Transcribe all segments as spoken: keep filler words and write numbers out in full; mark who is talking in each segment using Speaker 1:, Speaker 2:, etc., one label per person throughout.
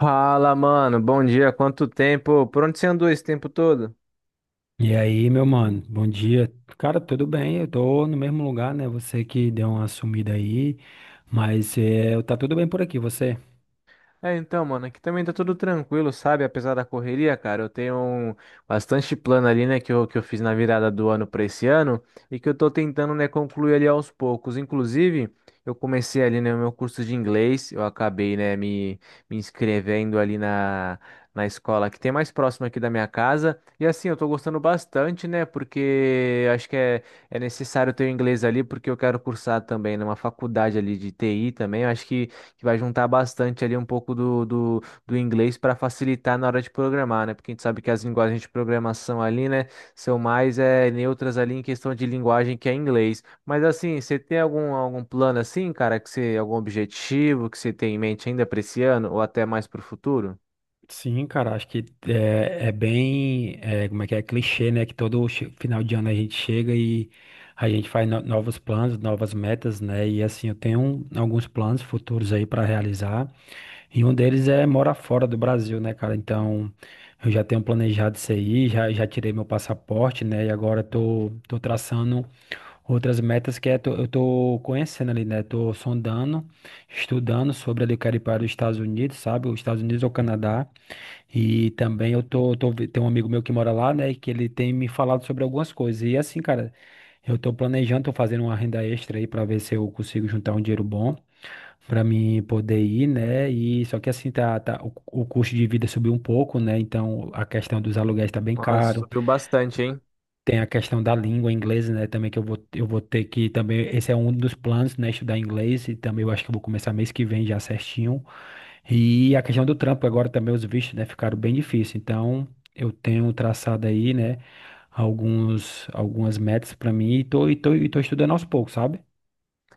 Speaker 1: Fala, mano. Bom dia. Quanto tempo? Por onde você andou esse tempo todo?
Speaker 2: E aí, meu mano, bom dia. Cara, tudo bem? Eu tô no mesmo lugar, né? Você que deu uma sumida aí, mas é, tá tudo bem por aqui, você?
Speaker 1: É, então, mano, aqui também tá tudo tranquilo, sabe? Apesar da correria, cara, eu tenho um- bastante plano ali, né, que eu, que eu fiz na virada do ano pra esse ano e que eu tô tentando, né, concluir ali aos poucos. Inclusive, eu comecei ali, né, o meu curso de inglês, eu acabei, né, me, me inscrevendo ali na, na escola que tem mais próximo aqui da minha casa. E assim, eu tô gostando bastante, né, porque acho que é, é necessário ter o inglês ali, porque eu quero cursar também numa faculdade ali de T I também. Eu acho que que vai juntar bastante ali um pouco do, do, do inglês para facilitar na hora de programar, né? Porque a gente sabe que as linguagens de programação ali, né, são mais é, neutras ali em questão de linguagem que é inglês. Mas assim, você tem algum, algum plano assim, cara, que você, algum objetivo que você tem em mente ainda para esse ano ou até mais para o futuro?
Speaker 2: Sim, cara, acho que é, é bem, é, como é que é, clichê, né? Que todo che- final de ano a gente chega e a gente faz no- novos planos, novas metas, né? E assim, eu tenho um, alguns planos futuros aí pra realizar, e um deles é morar fora do Brasil, né, cara? Então, eu já tenho planejado isso aí, já, já tirei meu passaporte, né? E agora tô, tô traçando. Outras metas que é tô- eu estou conhecendo ali, né? Estou sondando, estudando sobre ali, quero ir para os Estados Unidos, sabe? Os Estados Unidos ou Canadá. E também eu tô, tô, vi- tem um amigo meu que mora lá, né? E que ele tem me falado sobre algumas coisas. E assim, cara, eu estou planejando, tô fazendo uma renda extra aí para ver se eu consigo juntar um dinheiro bom para mim poder ir, né? E só que assim, tá, tá, o, o custo de vida subiu um pouco, né? Então a questão dos aluguéis está bem
Speaker 1: Nossa,
Speaker 2: caro.
Speaker 1: subiu bastante, hein?
Speaker 2: Tem a questão da língua inglesa, né? Também que eu vou, eu vou ter que também. Esse é um dos planos, né? Estudar inglês. E também eu acho que eu vou começar mês que vem já certinho. E a questão do trampo, agora também os vistos, né? Ficaram bem difíceis. Então, eu tenho traçado aí, né? Alguns, algumas metas para mim. E tô, e tô, e tô estudando aos poucos, sabe?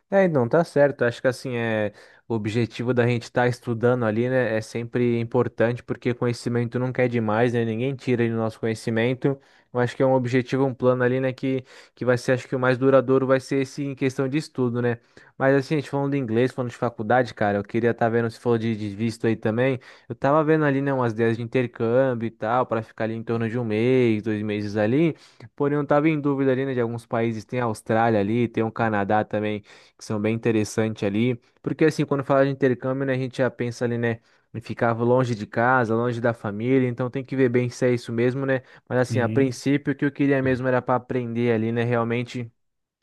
Speaker 1: É, não, tá certo. Acho que assim, é, o objetivo da gente estar estudando ali, né, é sempre importante, porque conhecimento nunca é demais, né? Ninguém tira ali o nosso conhecimento. Eu acho que é um objetivo, um plano ali, né, que, que vai ser, acho que o mais duradouro vai ser esse em questão de estudo, né? Mas assim, a gente falando de inglês, falando de faculdade, cara, eu queria estar vendo, se falou de, de visto aí também, eu tava vendo ali, né, umas ideias de intercâmbio e tal, para ficar ali em torno de um mês, dois meses ali, porém eu tava em dúvida ali, né, de alguns países, tem a Austrália ali, tem o Canadá também que são bem interessantes ali. Porque assim, quando fala de intercâmbio, né, a gente já pensa ali, né, em ficar longe de casa, longe da família, então tem que ver bem se é isso mesmo, né? Mas assim, a
Speaker 2: E,
Speaker 1: princípio, o que eu queria mesmo era para aprender ali, né, realmente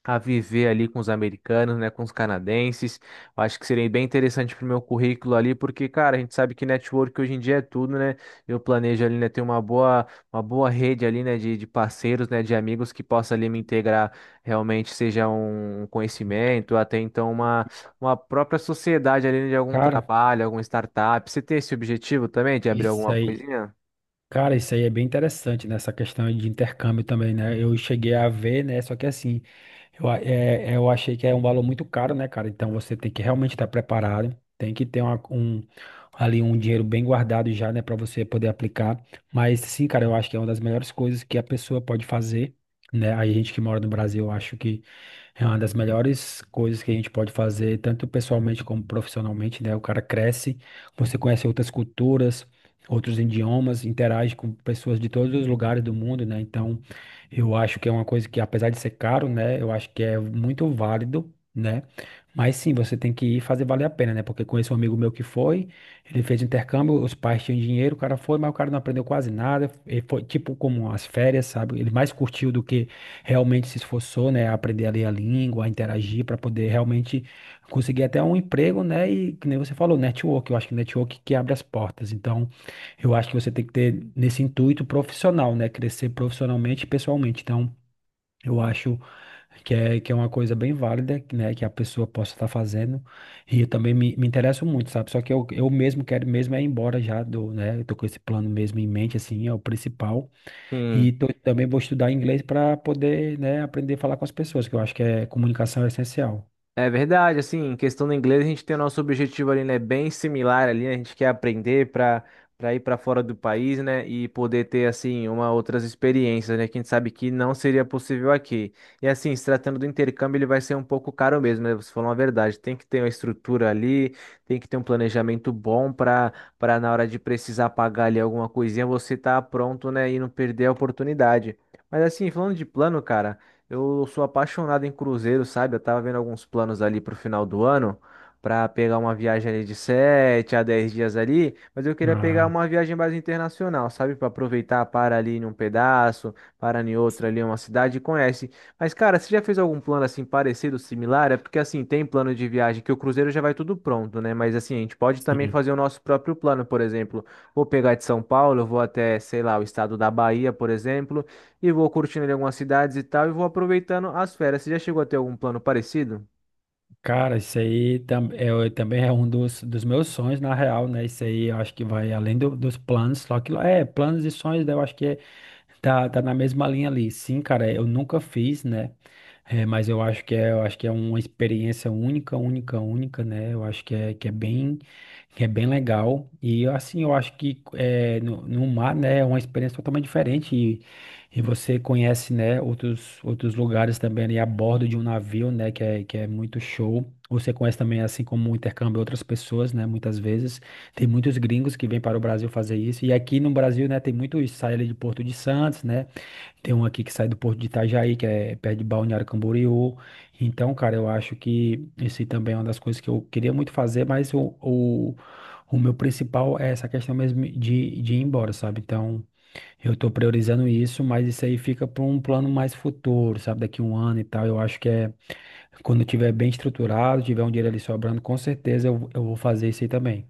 Speaker 1: a viver ali com os americanos, né, com os canadenses. Eu acho que seria bem interessante para o meu currículo ali, porque, cara, a gente sabe que network hoje em dia é tudo, né? Eu planejo ali, né, ter uma boa, uma boa rede ali, né, de, de parceiros, né, de amigos que possa ali me integrar realmente, seja um conhecimento, até então uma, uma própria sociedade ali, né, de algum
Speaker 2: cara,
Speaker 1: trabalho, alguma startup. Você tem esse objetivo também de abrir
Speaker 2: isso
Speaker 1: alguma
Speaker 2: aí.
Speaker 1: coisinha?
Speaker 2: Cara, isso aí é bem interessante, né? Essa questão de intercâmbio também, né? Eu cheguei a ver, né? Só que assim, eu, a- é, eu achei que é um valor muito caro, né, cara? Então você tem que realmente estar preparado, tem que ter uma- um, ali um dinheiro bem guardado já, né, para você poder aplicar. Mas sim, cara, eu acho que é uma das melhores coisas que a pessoa pode fazer, né? A gente que mora no Brasil, eu acho que é uma das melhores coisas que a gente pode fazer, tanto pessoalmente como profissionalmente, né? O cara cresce, você conhece outras culturas, outros idiomas, interage com pessoas de todos os lugares do mundo, né? Então, eu acho que é uma coisa que, apesar de ser caro, né, eu acho que é muito válido. Né? Mas sim, você tem que ir fazer valer a pena, né? Porque conheço um amigo meu que foi, ele fez intercâmbio, os pais tinham dinheiro, o cara foi, mas o cara não aprendeu quase nada. Ele foi tipo como as férias, sabe? Ele mais curtiu do que realmente se esforçou, né? a aprender a ler a língua, a interagir para poder realmente conseguir até um emprego, né? E que nem você falou, network, eu acho que network que abre as portas. Então, eu acho que você tem que ter nesse intuito profissional, né? Crescer profissionalmente e pessoalmente. Então, eu acho que é, que é uma coisa bem válida, né? Que a pessoa possa estar fazendo. E eu também me, me interesso muito, sabe? Só que eu, eu mesmo quero mesmo é ir embora já do, né? Eu tô com esse plano mesmo em mente, assim, é o principal.
Speaker 1: Sim.
Speaker 2: E tô- também vou estudar inglês para poder, né? Aprender a falar com as pessoas, que eu acho que é comunicação é essencial.
Speaker 1: É verdade, assim, em questão do inglês, a gente tem o nosso objetivo ali, né, bem similar ali, né, a gente quer aprender para para ir para fora do país, né, e poder ter, assim, uma outras experiências, né, que a gente sabe que não seria possível aqui. E, assim, se tratando do intercâmbio, ele vai ser um pouco caro mesmo, né, você falou uma verdade, tem que ter uma estrutura ali, tem que ter um planejamento bom para para na hora de precisar pagar ali alguma coisinha, você tá pronto, né, e não perder a oportunidade. Mas, assim, falando de plano, cara. Eu sou apaixonado em cruzeiro, sabe? Eu tava vendo alguns planos ali pro final do ano pra pegar uma viagem ali de sete a dez dias ali, mas eu queria pegar
Speaker 2: Ah,
Speaker 1: uma viagem mais internacional, sabe? Pra aproveitar, para ali em um pedaço, para em outro
Speaker 2: sim.
Speaker 1: ali uma cidade e conhece. Mas cara, você já fez algum plano assim parecido, similar? É porque assim, tem plano de viagem que o cruzeiro já vai tudo pronto, né? Mas assim, a gente pode também
Speaker 2: Sim.
Speaker 1: fazer o nosso próprio plano, por exemplo, vou pegar de São Paulo, eu vou até, sei lá, o estado da Bahia, por exemplo, e vou curtindo ali algumas cidades e tal, e vou aproveitando as férias. Você já chegou a ter algum plano parecido?
Speaker 2: Cara, isso aí tam, é, o- também é um dos, dos meus sonhos, na real, né? Isso aí eu acho que vai além do- dos planos, só que é planos e sonhos, né? Eu acho que é. Tá, tá na mesma linha ali. Sim, cara, eu nunca fiz, né? É, mas eu acho que é, eu acho que é uma experiência única, única, única, né? Eu acho que é, que é bem, que é bem legal. E assim, eu acho que é, no, no mar, né, é uma experiência totalmente diferente. E, e você conhece, né, outros, outros lugares também ali a bordo de um navio, né, que é, que é muito show. Você conhece também, assim como o intercâmbio, outras pessoas, né, muitas vezes. Tem muitos gringos que vêm para o Brasil fazer isso. E aqui no Brasil, né, tem muitos, sai ali de Porto de Santos, né? Tem um aqui que sai do Porto de Itajaí, que é perto de Balneário Camboriú. Então, cara, eu acho que esse também é uma das coisas que eu queria muito fazer, mas o, o, o meu principal é essa questão mesmo de, de ir embora, sabe? Então, eu tô priorizando isso, mas isso aí fica para um plano mais futuro, sabe? Daqui um ano e tal. Eu acho que é quando eu tiver bem estruturado, tiver um dinheiro ali sobrando, com certeza eu, eu vou fazer isso aí também.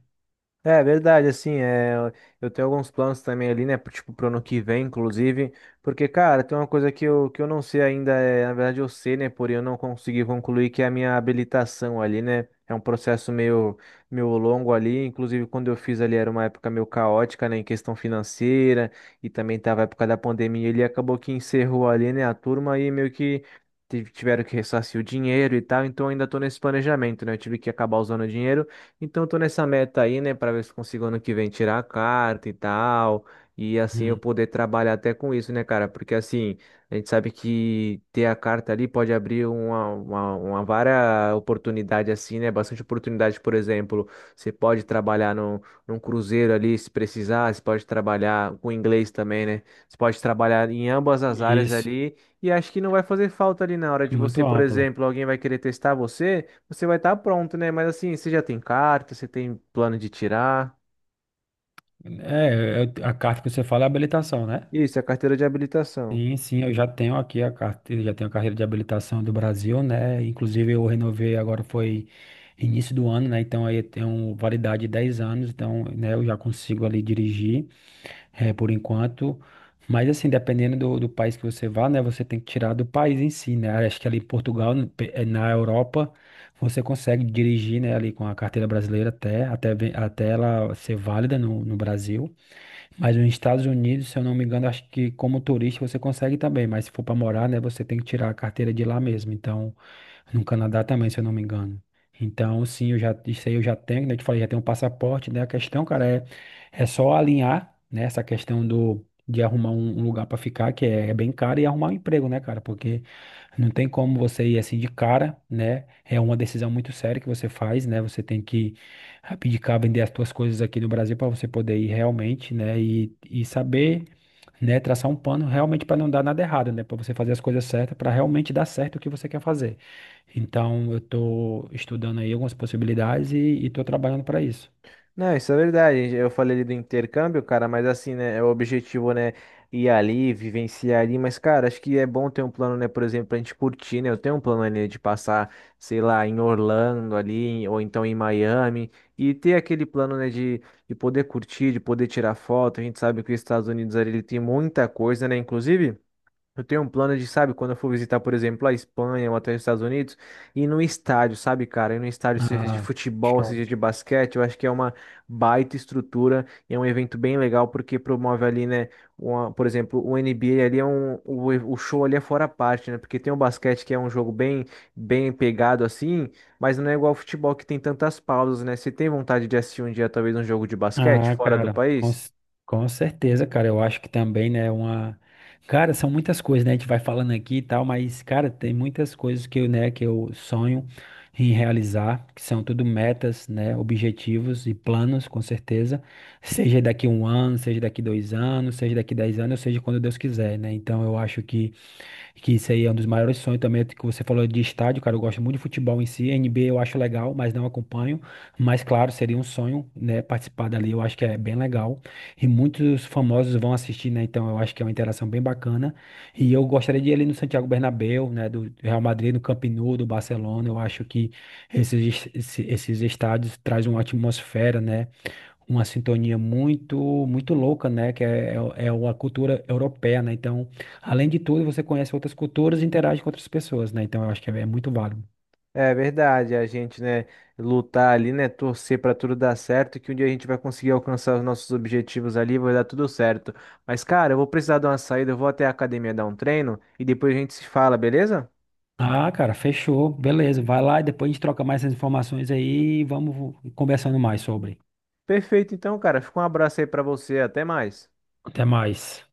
Speaker 1: É verdade, assim, é, eu tenho alguns planos também ali, né, pro- tipo, pro ano que vem, inclusive, porque, cara, tem uma coisa que eu, que eu não sei ainda, é, na verdade eu sei, né, porém eu não consegui concluir, que é a minha habilitação ali, né, é um processo meio, meio longo ali, inclusive quando eu fiz ali era uma época meio caótica, né, em questão financeira, e também tava a época da pandemia, ele acabou que encerrou ali, né, a turma e meio que tive- tiveram que ressarcir o dinheiro e tal, então eu ainda tô nesse planejamento, né, eu tive que acabar usando o dinheiro, então, eu tô nessa meta aí, né, para ver se consigo ano que vem tirar a carta e tal, e assim eu
Speaker 2: Hum.
Speaker 1: poder trabalhar até com isso, né, cara? Porque assim, a gente sabe que ter a carta ali pode abrir uma, uma, uma vara oportunidade, assim, né? Bastante oportunidade, por exemplo, você pode trabalhar no num cruzeiro ali se precisar, você pode trabalhar com inglês também, né? Você pode trabalhar em ambas as áreas
Speaker 2: Isso.
Speaker 1: ali, e acho que não vai fazer falta ali na hora
Speaker 2: É
Speaker 1: de você,
Speaker 2: muito
Speaker 1: por
Speaker 2: amplo.
Speaker 1: exemplo, alguém vai querer testar você. Você vai estar pronto, né? Mas assim, você já tem carta, você tem plano de tirar.
Speaker 2: É, é- a carta que você fala é habilitação, né?
Speaker 1: Isso, é a carteira de habilitação.
Speaker 2: Sim, sim, eu já tenho aqui a carteira, já tenho a carreira de habilitação do Brasil, né? Inclusive eu renovei agora foi início do ano, né? Então aí eu tenho validade de dez anos, então, né, eu já consigo ali dirigir, eh, por enquanto. Mas assim, dependendo do, do país que você vá, né, você tem que tirar do país em si, né? Acho que ali em Portugal, no- pe- eh, na Europa, você consegue dirigir, né, ali com a carteira brasileira até até ve- até ela ser válida no, no Brasil. Mas nos Estados Unidos, se eu não me engano, acho que como turista você consegue também, mas se for para morar, né, você tem que tirar a carteira de lá mesmo. Então, no Canadá também, se eu não me engano. Então, sim, eu já, isso aí eu já tenho, né? Eu te falei, já tenho um passaporte, né? A questão, cara, é, é só alinhar, né, essa questão do, de arrumar um um lugar para ficar, que é, é bem caro, e arrumar um emprego, né, cara? Porque não tem como você ir assim de cara, né? É uma decisão muito séria que você faz, né? Você tem que abdicar, vender as suas coisas aqui no Brasil para você poder ir realmente, né? E, e saber, né? Traçar um plano realmente para não dar nada errado, né? Para você fazer as coisas certas, para realmente dar certo o que você quer fazer. Então, eu estou estudando aí algumas possibilidades e estou trabalhando para isso.
Speaker 1: Não, isso é verdade. Eu falei ali do intercâmbio, cara, mas assim, né? É o objetivo, né? Ir ali, vivenciar ali. Mas, cara, acho que é bom ter um plano, né? Por exemplo, pra gente curtir, né? Eu tenho um plano ali né, de passar, sei lá, em Orlando ali, ou então em Miami. E ter aquele plano, né? De, de poder curtir, de poder tirar foto. A gente sabe que os Estados Unidos ali ele tem muita coisa, né? Inclusive. Eu tenho um plano de, sabe, quando eu for visitar, por exemplo, a Espanha ou até os Estados Unidos, ir num estádio, sabe, cara? Ir num estádio, seja de
Speaker 2: Ah,
Speaker 1: futebol,
Speaker 2: show.
Speaker 1: seja de basquete, eu acho que é uma baita estrutura e é um evento bem legal porque promove ali, né, uma- por exemplo, o N B A ali é um, o, o show ali é fora à parte, né? Porque tem o basquete que é um jogo bem, bem pegado assim, mas não é igual ao futebol que tem tantas pausas, né? Você tem vontade de assistir um dia, talvez, um jogo de basquete
Speaker 2: Ah,
Speaker 1: fora do
Speaker 2: cara, com,
Speaker 1: país?
Speaker 2: c- com certeza, cara. Eu acho que também, né, uma. Cara, são muitas coisas, né? A gente vai falando aqui e tal, mas, cara, tem muitas coisas que eu, né, que eu sonho em realizar, que são tudo metas, né, objetivos e planos, com certeza. Seja daqui um ano, seja daqui dois anos, seja daqui dez anos, ou seja quando Deus quiser, né? Então eu acho que que isso aí é um dos maiores sonhos também, é que você falou de estádio, cara, eu gosto muito de futebol em si, N B A eu acho legal, mas não acompanho, mas claro, seria um sonho, né, participar dali, eu acho que é bem legal, e muitos famosos vão assistir, né, então eu acho que é uma interação bem bacana, e eu gostaria de ir ali no Santiago Bernabéu, né, do Real Madrid, no Camp Nou, do Barcelona, eu acho que esses, es- esses estádios trazem uma atmosfera, né, uma sintonia muito muito louca, né? Que é, é, é uma cultura europeia, né? Então, além de tudo, você conhece outras culturas e interage com outras pessoas, né? Então, eu acho que é, é muito válido.
Speaker 1: É verdade, a gente, né, lutar ali, né, torcer pra tudo dar certo, que um dia a gente vai conseguir alcançar os nossos objetivos ali, vai dar tudo certo. Mas, cara, eu vou precisar de uma saída, eu vou até a academia dar um treino e depois a gente se fala, beleza?
Speaker 2: Ah, cara, fechou. Beleza, vai lá e depois a gente troca mais essas informações aí e vamos conversando mais sobre.
Speaker 1: Perfeito, então, cara, fica um abraço aí pra você, até mais.
Speaker 2: Até mais.